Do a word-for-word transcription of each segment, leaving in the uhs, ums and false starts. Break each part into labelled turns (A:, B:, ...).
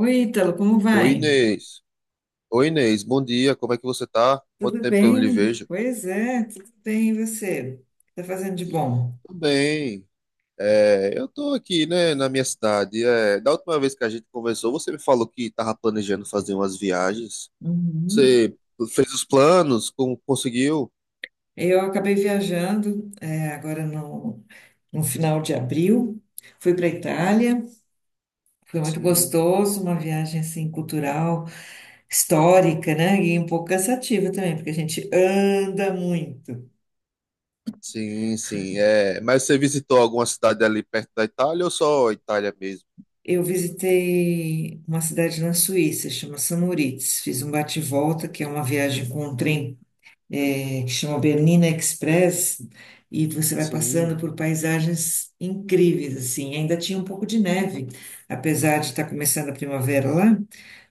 A: Oi, Ítalo, como vai?
B: Oi, Inês. Oi, Inês. Bom dia. Como é que você tá? Quanto
A: Tudo
B: tempo que eu não lhe
A: bem?
B: vejo?
A: Pois é, tudo bem. E você? O que tá fazendo de bom?
B: Tudo bem. É, eu tô aqui, né, na minha cidade. É, da última vez que a gente conversou, você me falou que tava planejando fazer umas viagens.
A: Uhum.
B: Você fez os planos? Como conseguiu?
A: Eu acabei viajando, é, agora no, no final de abril. Fui para Itália, foi muito
B: Sim,
A: gostoso, uma viagem assim cultural, histórica, né? E um pouco cansativa também, porque a gente anda muito.
B: sim, sim. É, mas você visitou alguma cidade ali perto da Itália ou só a Itália mesmo?
A: Eu visitei uma cidade na Suíça, chama Samoritz. Fiz um bate-volta, que é uma viagem com um trem eh, que chama Bernina Express, e você vai
B: Sim,
A: passando por paisagens incríveis, assim. Ainda tinha um pouco de neve, apesar de estar começando a primavera lá,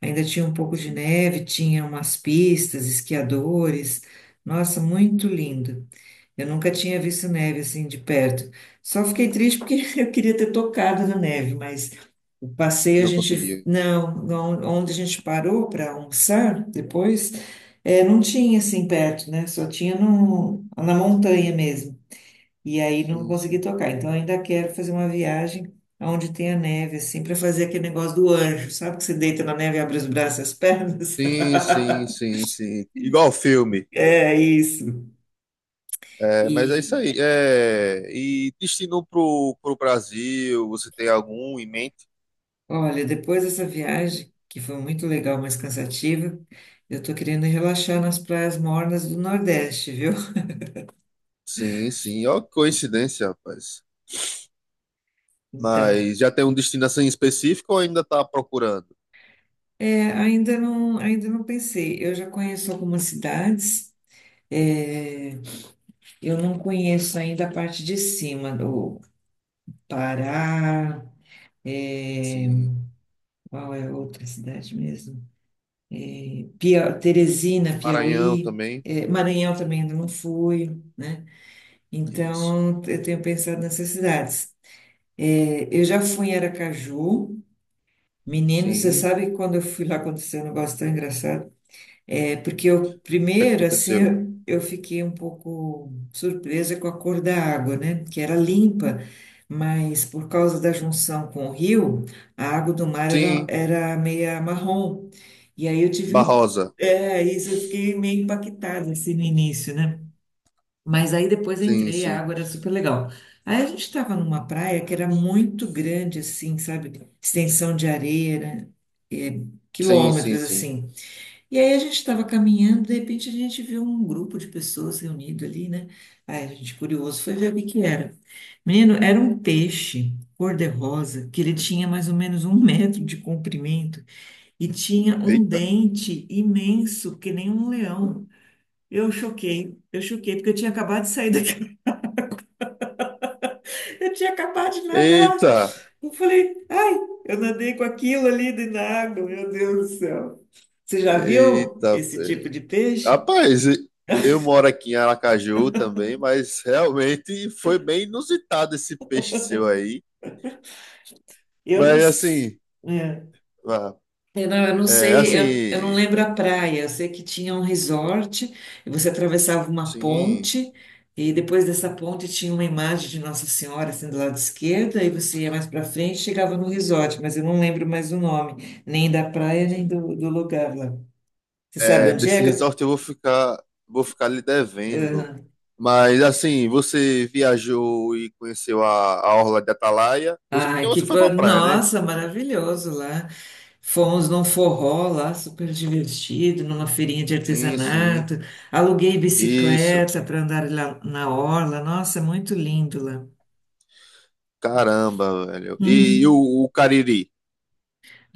A: ainda tinha um pouco de
B: sim.
A: neve, tinha umas pistas, esquiadores. Nossa, muito lindo. Eu nunca tinha visto neve assim de perto. Só fiquei triste porque eu queria ter tocado na neve, mas o passeio a
B: Não
A: gente.
B: conseguiu.
A: Não, não- onde a gente parou para almoçar depois, eh, não tinha assim perto, né? Só tinha no, na montanha mesmo. E aí não
B: Sim,
A: consegui
B: sim.
A: tocar. Então ainda quero fazer uma viagem onde tenha neve, assim, para fazer aquele negócio do anjo. Sabe que você deita na neve e abre os braços e as pernas?
B: Sim, sim, sim, sim. Igual filme.
A: É isso.
B: É, mas é isso
A: E
B: aí. É, e destino pro, pro Brasil, você tem algum em mente?
A: olha, depois dessa viagem, que foi muito legal, mas cansativa, eu tô querendo relaxar nas praias mornas do Nordeste, viu?
B: Sim, sim. Ó, que coincidência, rapaz.
A: Então,
B: Mas já tem um destino assim específico ou ainda tá procurando?
A: é, ainda não, ainda não pensei. Eu já conheço algumas cidades, é, eu não conheço ainda a parte de cima do Pará, é,
B: Sim.
A: qual é outra cidade mesmo? Pia, Teresina,
B: Maranhão
A: Piauí,
B: também.
A: é, Maranhão também ainda não fui, né?
B: Isso.
A: Então, eu tenho pensado nessas cidades. É, eu já fui em Aracaju. Menino, você
B: Sim. O
A: sabe que quando eu fui lá aconteceu um negócio tão engraçado? É, porque eu,
B: que
A: primeiro, assim,
B: aconteceu?
A: eu, eu fiquei um pouco surpresa com a cor da água, né? Que era limpa, mas por causa da junção com o rio, a água do mar era,
B: Sim.
A: era meia marrom. E aí eu tive,
B: Barrosa.
A: é, isso eu fiquei meio impactada, assim, no início, né? Mas aí depois eu
B: Sim,
A: entrei, a
B: sim.
A: água era super legal. Aí a gente estava numa praia que era muito grande, assim, sabe? Extensão de areia, né? É,
B: Sim, sim,
A: quilômetros,
B: sim.
A: assim. E aí a gente estava caminhando, de repente a gente viu um grupo de pessoas reunido ali, né? Aí a gente, curioso, foi ver o que que era. Menino, era um peixe cor-de-rosa, que ele tinha mais ou menos um metro de comprimento e tinha um
B: Eita.
A: dente imenso, que nem um leão. Eu choquei, eu choquei, porque eu tinha acabado de sair. Eu tinha acabado de nadar.
B: Eita.
A: Eu falei, ai, eu nadei com aquilo ali dentro da água, meu Deus do céu. Você já viu
B: Eita.
A: esse tipo de peixe?
B: Rapaz, eu moro aqui em Aracaju também, mas realmente foi bem inusitado esse peixe seu aí.
A: Eu não,
B: Mas
A: s-
B: assim,
A: é.
B: vá,
A: Eu não, eu não
B: é,
A: sei, eu, eu não
B: assim,
A: lembro a praia. Eu sei que tinha um resort, e você atravessava uma
B: sim,
A: ponte, e depois dessa ponte tinha uma imagem de Nossa Senhora assim do lado esquerdo, aí você ia mais para frente e chegava no resort, mas eu não lembro mais o nome, nem da praia, nem do, do lugar lá. Você
B: é,
A: sabe onde
B: desse
A: é? que eu-
B: resort eu vou ficar, vou ficar lhe devendo.
A: Aham.
B: Mas assim, você viajou e conheceu a, a Orla de Atalaia? Você,
A: Ai,
B: porque você
A: que
B: foi pra
A: coisa.
B: praia, né?
A: Nossa, maravilhoso lá. Fomos num forró lá, super divertido, numa feirinha de
B: Sim, sim.
A: artesanato. Aluguei
B: Isso.
A: bicicleta para andar lá na orla. Nossa, muito lindo lá.
B: Caramba, velho. E, e o, o Cariri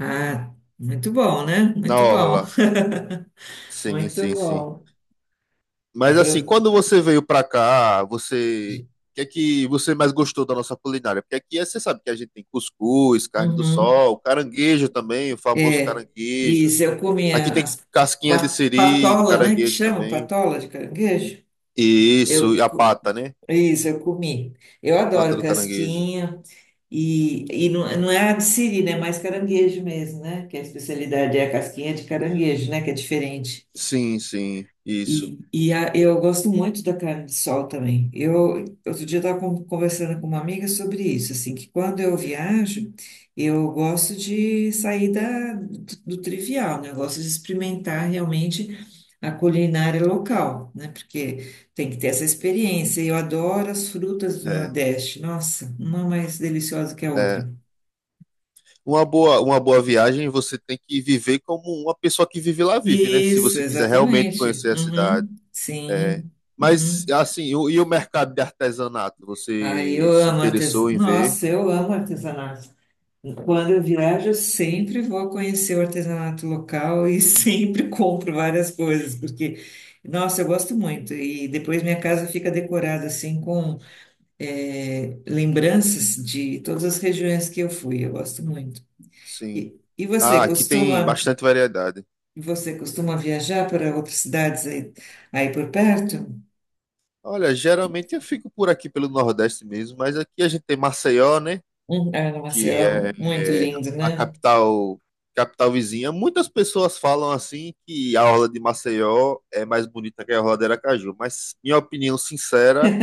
A: Ah, muito bom, né?
B: na
A: Muito bom.
B: Orla? Sim,
A: Muito
B: sim, sim.
A: bom.
B: Mas assim,
A: Apro-
B: quando você veio pra cá, você. O que é que você mais gostou da nossa culinária? Porque aqui é- você sabe que a gente tem cuscuz, carne do
A: Uhum.
B: sol, caranguejo também, o famoso
A: É.
B: caranguejo.
A: Isso, eu
B: Aqui
A: comia
B: tem
A: as
B: casquinha de
A: pa-
B: siri, de
A: patola, né? Que
B: caranguejo
A: chama
B: também.
A: patola de caranguejo.
B: E
A: Eu,
B: isso, e a
A: co-
B: pata, né?
A: isso, eu comi. Eu
B: Pata
A: adoro
B: do caranguejo.
A: casquinha. E, e não, não é a de siri, né? É mais caranguejo mesmo, né? Que a especialidade é a casquinha de caranguejo, né? Que é diferente.
B: Sim, sim, isso.
A: E, e a- eu gosto muito da carne de sol também. Eu, outro dia eu estava conversando com uma amiga sobre isso, assim, que quando eu viajo, eu gosto de sair da, do trivial, né? Eu gosto de experimentar realmente a culinária local, né? Porque tem que ter essa experiência. Eu adoro as frutas do
B: É,
A: Nordeste. Nossa, uma mais deliciosa que a outra.
B: é. Uma boa, uma boa viagem você tem que viver como uma pessoa que vive lá vive, né? Se
A: Isso,
B: você quiser realmente
A: exatamente.
B: conhecer a cidade.
A: Uhum,
B: É.
A: sim.
B: Mas,
A: Uhum.
B: assim, o- e o mercado de artesanato?
A: Ai, eu
B: Você se
A: amo
B: interessou
A: artesanato.
B: em ver?
A: Nossa, eu amo artesanato. Quando eu viajo, eu sempre vou conhecer o artesanato local e sempre compro várias coisas, porque, nossa, eu gosto muito. E depois minha casa fica decorada assim com eh, lembranças de todas as regiões que eu fui. Eu gosto muito.
B: Sim.
A: E, e
B: Ah,
A: você
B: aqui tem
A: costuma,
B: bastante variedade.
A: você costuma viajar para outras cidades aí, aí por perto?
B: Olha, geralmente eu fico por aqui pelo Nordeste mesmo, mas aqui a gente tem Maceió, né?
A: Hum, é, nossa,
B: Que
A: é
B: é
A: muito
B: é,
A: lindo,
B: a
A: né?
B: capital, capital vizinha. Muitas pessoas falam assim que a orla de Maceió é mais bonita que a orla de Aracaju, mas minha opinião sincera,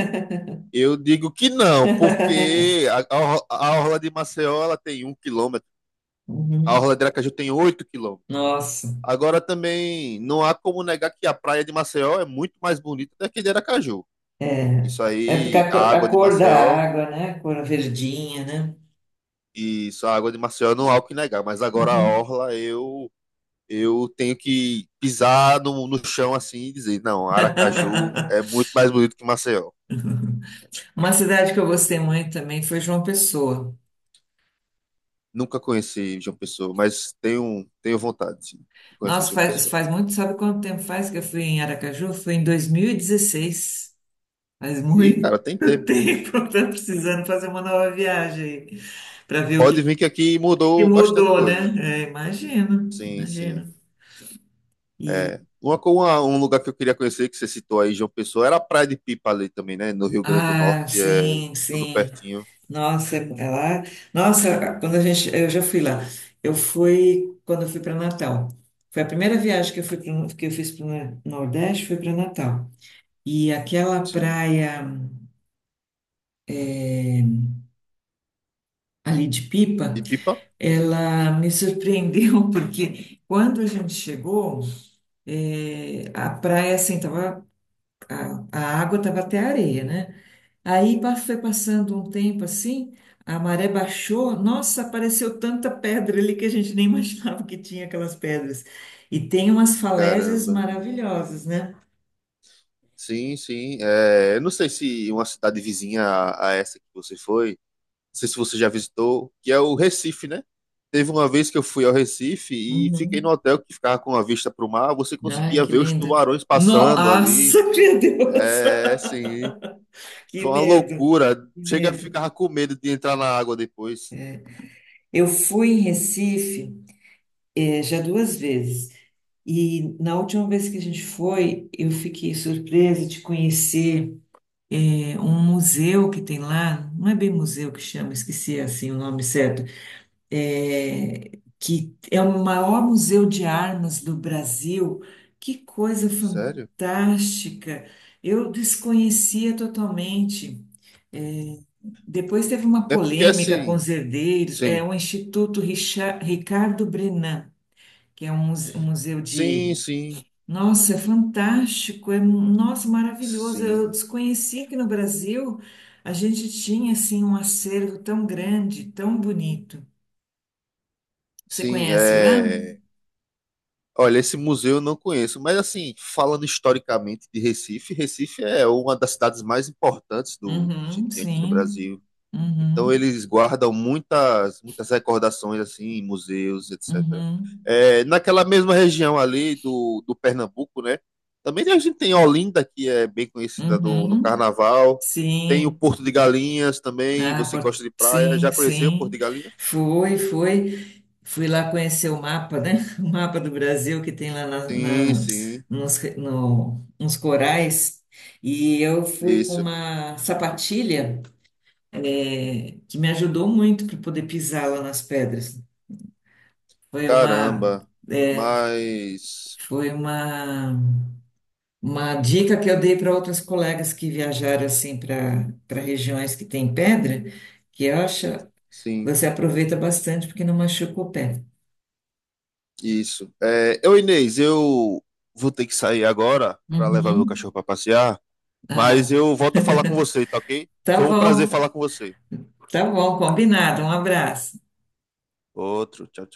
B: eu digo que não, porque a, a, orla- a orla de Maceió ela tem um quilômetro. A
A: Uhum.
B: Orla de Aracaju tem oito quilômetros.
A: Nossa,
B: Agora também não há como negar que a praia de Maceió é muito mais bonita do que de Aracaju.
A: é,
B: Isso
A: é porque
B: aí,
A: a
B: a
A: cor, a
B: água de
A: cor da
B: Maceió,
A: água, né? A cor verdinha, né?
B: isso, a água de Maceió não há o que negar, mas agora a
A: Uhum.
B: orla eu eu tenho que pisar no, no chão assim e dizer, não, Aracaju é muito mais bonito que Maceió.
A: Uma cidade que eu gostei muito também foi João Pessoa.
B: Nunca conheci João Pessoa, mas tenho tenho vontade sim, de conhecer
A: Nossa,
B: João
A: faz,
B: Pessoa.
A: faz muito, sabe quanto tempo faz que eu fui em Aracaju? Foi em dois mil e dezesseis. Faz
B: E cara,
A: muito
B: tem tempo.
A: tempo, tô precisando fazer uma nova viagem para ver o que,
B: Pode vir que aqui
A: que
B: mudou bastante
A: mudou,
B: coisa.
A: né? É, imagino,
B: Sim, sim.
A: imagino.
B: É, uma, co- uma- um lugar que eu queria conhecer, que você citou aí, João Pessoa, era a Praia de Pipa ali também, né? No Rio Grande do Norte,
A: Ah,
B: é
A: sim,
B: tudo
A: sim.
B: pertinho.
A: Nossa, é lá. Nossa, quando a gente, eu já fui lá. Eu fui quando eu fui para Natal. Foi a primeira viagem que eu fui pro- que eu fiz para o Nordeste, foi para Natal. E aquela
B: Sim.
A: praia ali de Pipa,
B: De Pipa?
A: ela me surpreendeu porque quando a gente chegou, eh, a praia assim tava, a, a água estava até a areia, né? Aí pa- foi passando um tempo assim, a maré baixou, nossa, apareceu tanta pedra ali que a gente nem imaginava que tinha aquelas pedras. E tem umas falésias
B: Caramba.
A: maravilhosas, né?
B: Sim, sim. É, eu não sei se uma cidade vizinha a, a essa que você foi, não sei se você já visitou, que é o Recife, né? Teve uma vez que eu fui ao Recife e fiquei no
A: Uhum.
B: hotel que ficava com a vista para o mar, você
A: Ai,
B: conseguia
A: que
B: ver os
A: lindo!
B: tubarões passando ali.
A: Nossa, meu Deus!
B: É, sim.
A: Que
B: Foi uma
A: medo,
B: loucura.
A: que
B: Chega,
A: medo.
B: ficava com medo de entrar na água depois.
A: Eu fui em Recife, eh, já duas vezes. E na última vez que a gente foi, eu fiquei surpresa de conhecer um museu que tem lá, não é bem museu que chama, esqueci assim o nome certo, é, que é o maior museu de armas do Brasil. Que coisa
B: Sério?
A: fantástica! Eu desconhecia totalmente. Depois teve uma
B: É porque
A: polêmica com os
B: assim,
A: herdeiros, é
B: sim,
A: o Instituto Richa- Ricardo Brenan, que é um muse- um museu de
B: sim, sim,
A: nossa, é fantástico, é nossa, maravilhoso. Eu
B: sim,
A: desconhecia que no Brasil a gente tinha assim um acervo tão grande, tão bonito. Você
B: sim,
A: conhece lá?
B: é. Olha, esse museu eu não conheço, mas assim, falando historicamente de Recife, Recife é uma das cidades mais importantes do que a gente
A: Uhum,
B: tem aqui no
A: sim.
B: Brasil. Então
A: Uhum,
B: eles guardam muitas, muitas recordações assim, em museus, etcétera.
A: uhum,
B: É, naquela mesma região ali do, do Pernambuco, né? Também a gente tem Olinda, que é bem conhecida no, no
A: uhum.
B: carnaval. Tem o
A: Sim.
B: Porto de Galinhas também.
A: Ah,
B: Você gosta
A: por-
B: de praia?
A: sim,
B: Já conheceu o Porto
A: sim.
B: de Galinhas?
A: Foi, foi. Fui lá conhecer o mapa, né? O mapa do Brasil que tem lá na,
B: Sim,
A: na-
B: sim.
A: nos, re- no- nos corais. E eu fui com
B: Isso.
A: uma sapatilha, eh, que me ajudou muito para poder pisar lá nas pedras. Foi uma,
B: Caramba.
A: eh,
B: Mas
A: foi uma, uma dica que eu dei para outras colegas que viajaram assim para para regiões que tem pedra, que eu acho.
B: sim,
A: Você aproveita bastante porque não machuca o pé.
B: isso. É, eu, Inês, eu vou ter que sair agora para levar meu
A: Uhum.
B: cachorro para passear. Mas
A: Ah,
B: eu volto a falar com você, tá ok?
A: tá
B: Foi um prazer
A: bom,
B: falar com você.
A: tá bom, combinado. Um abraço.
B: Outro, tchau, tchau.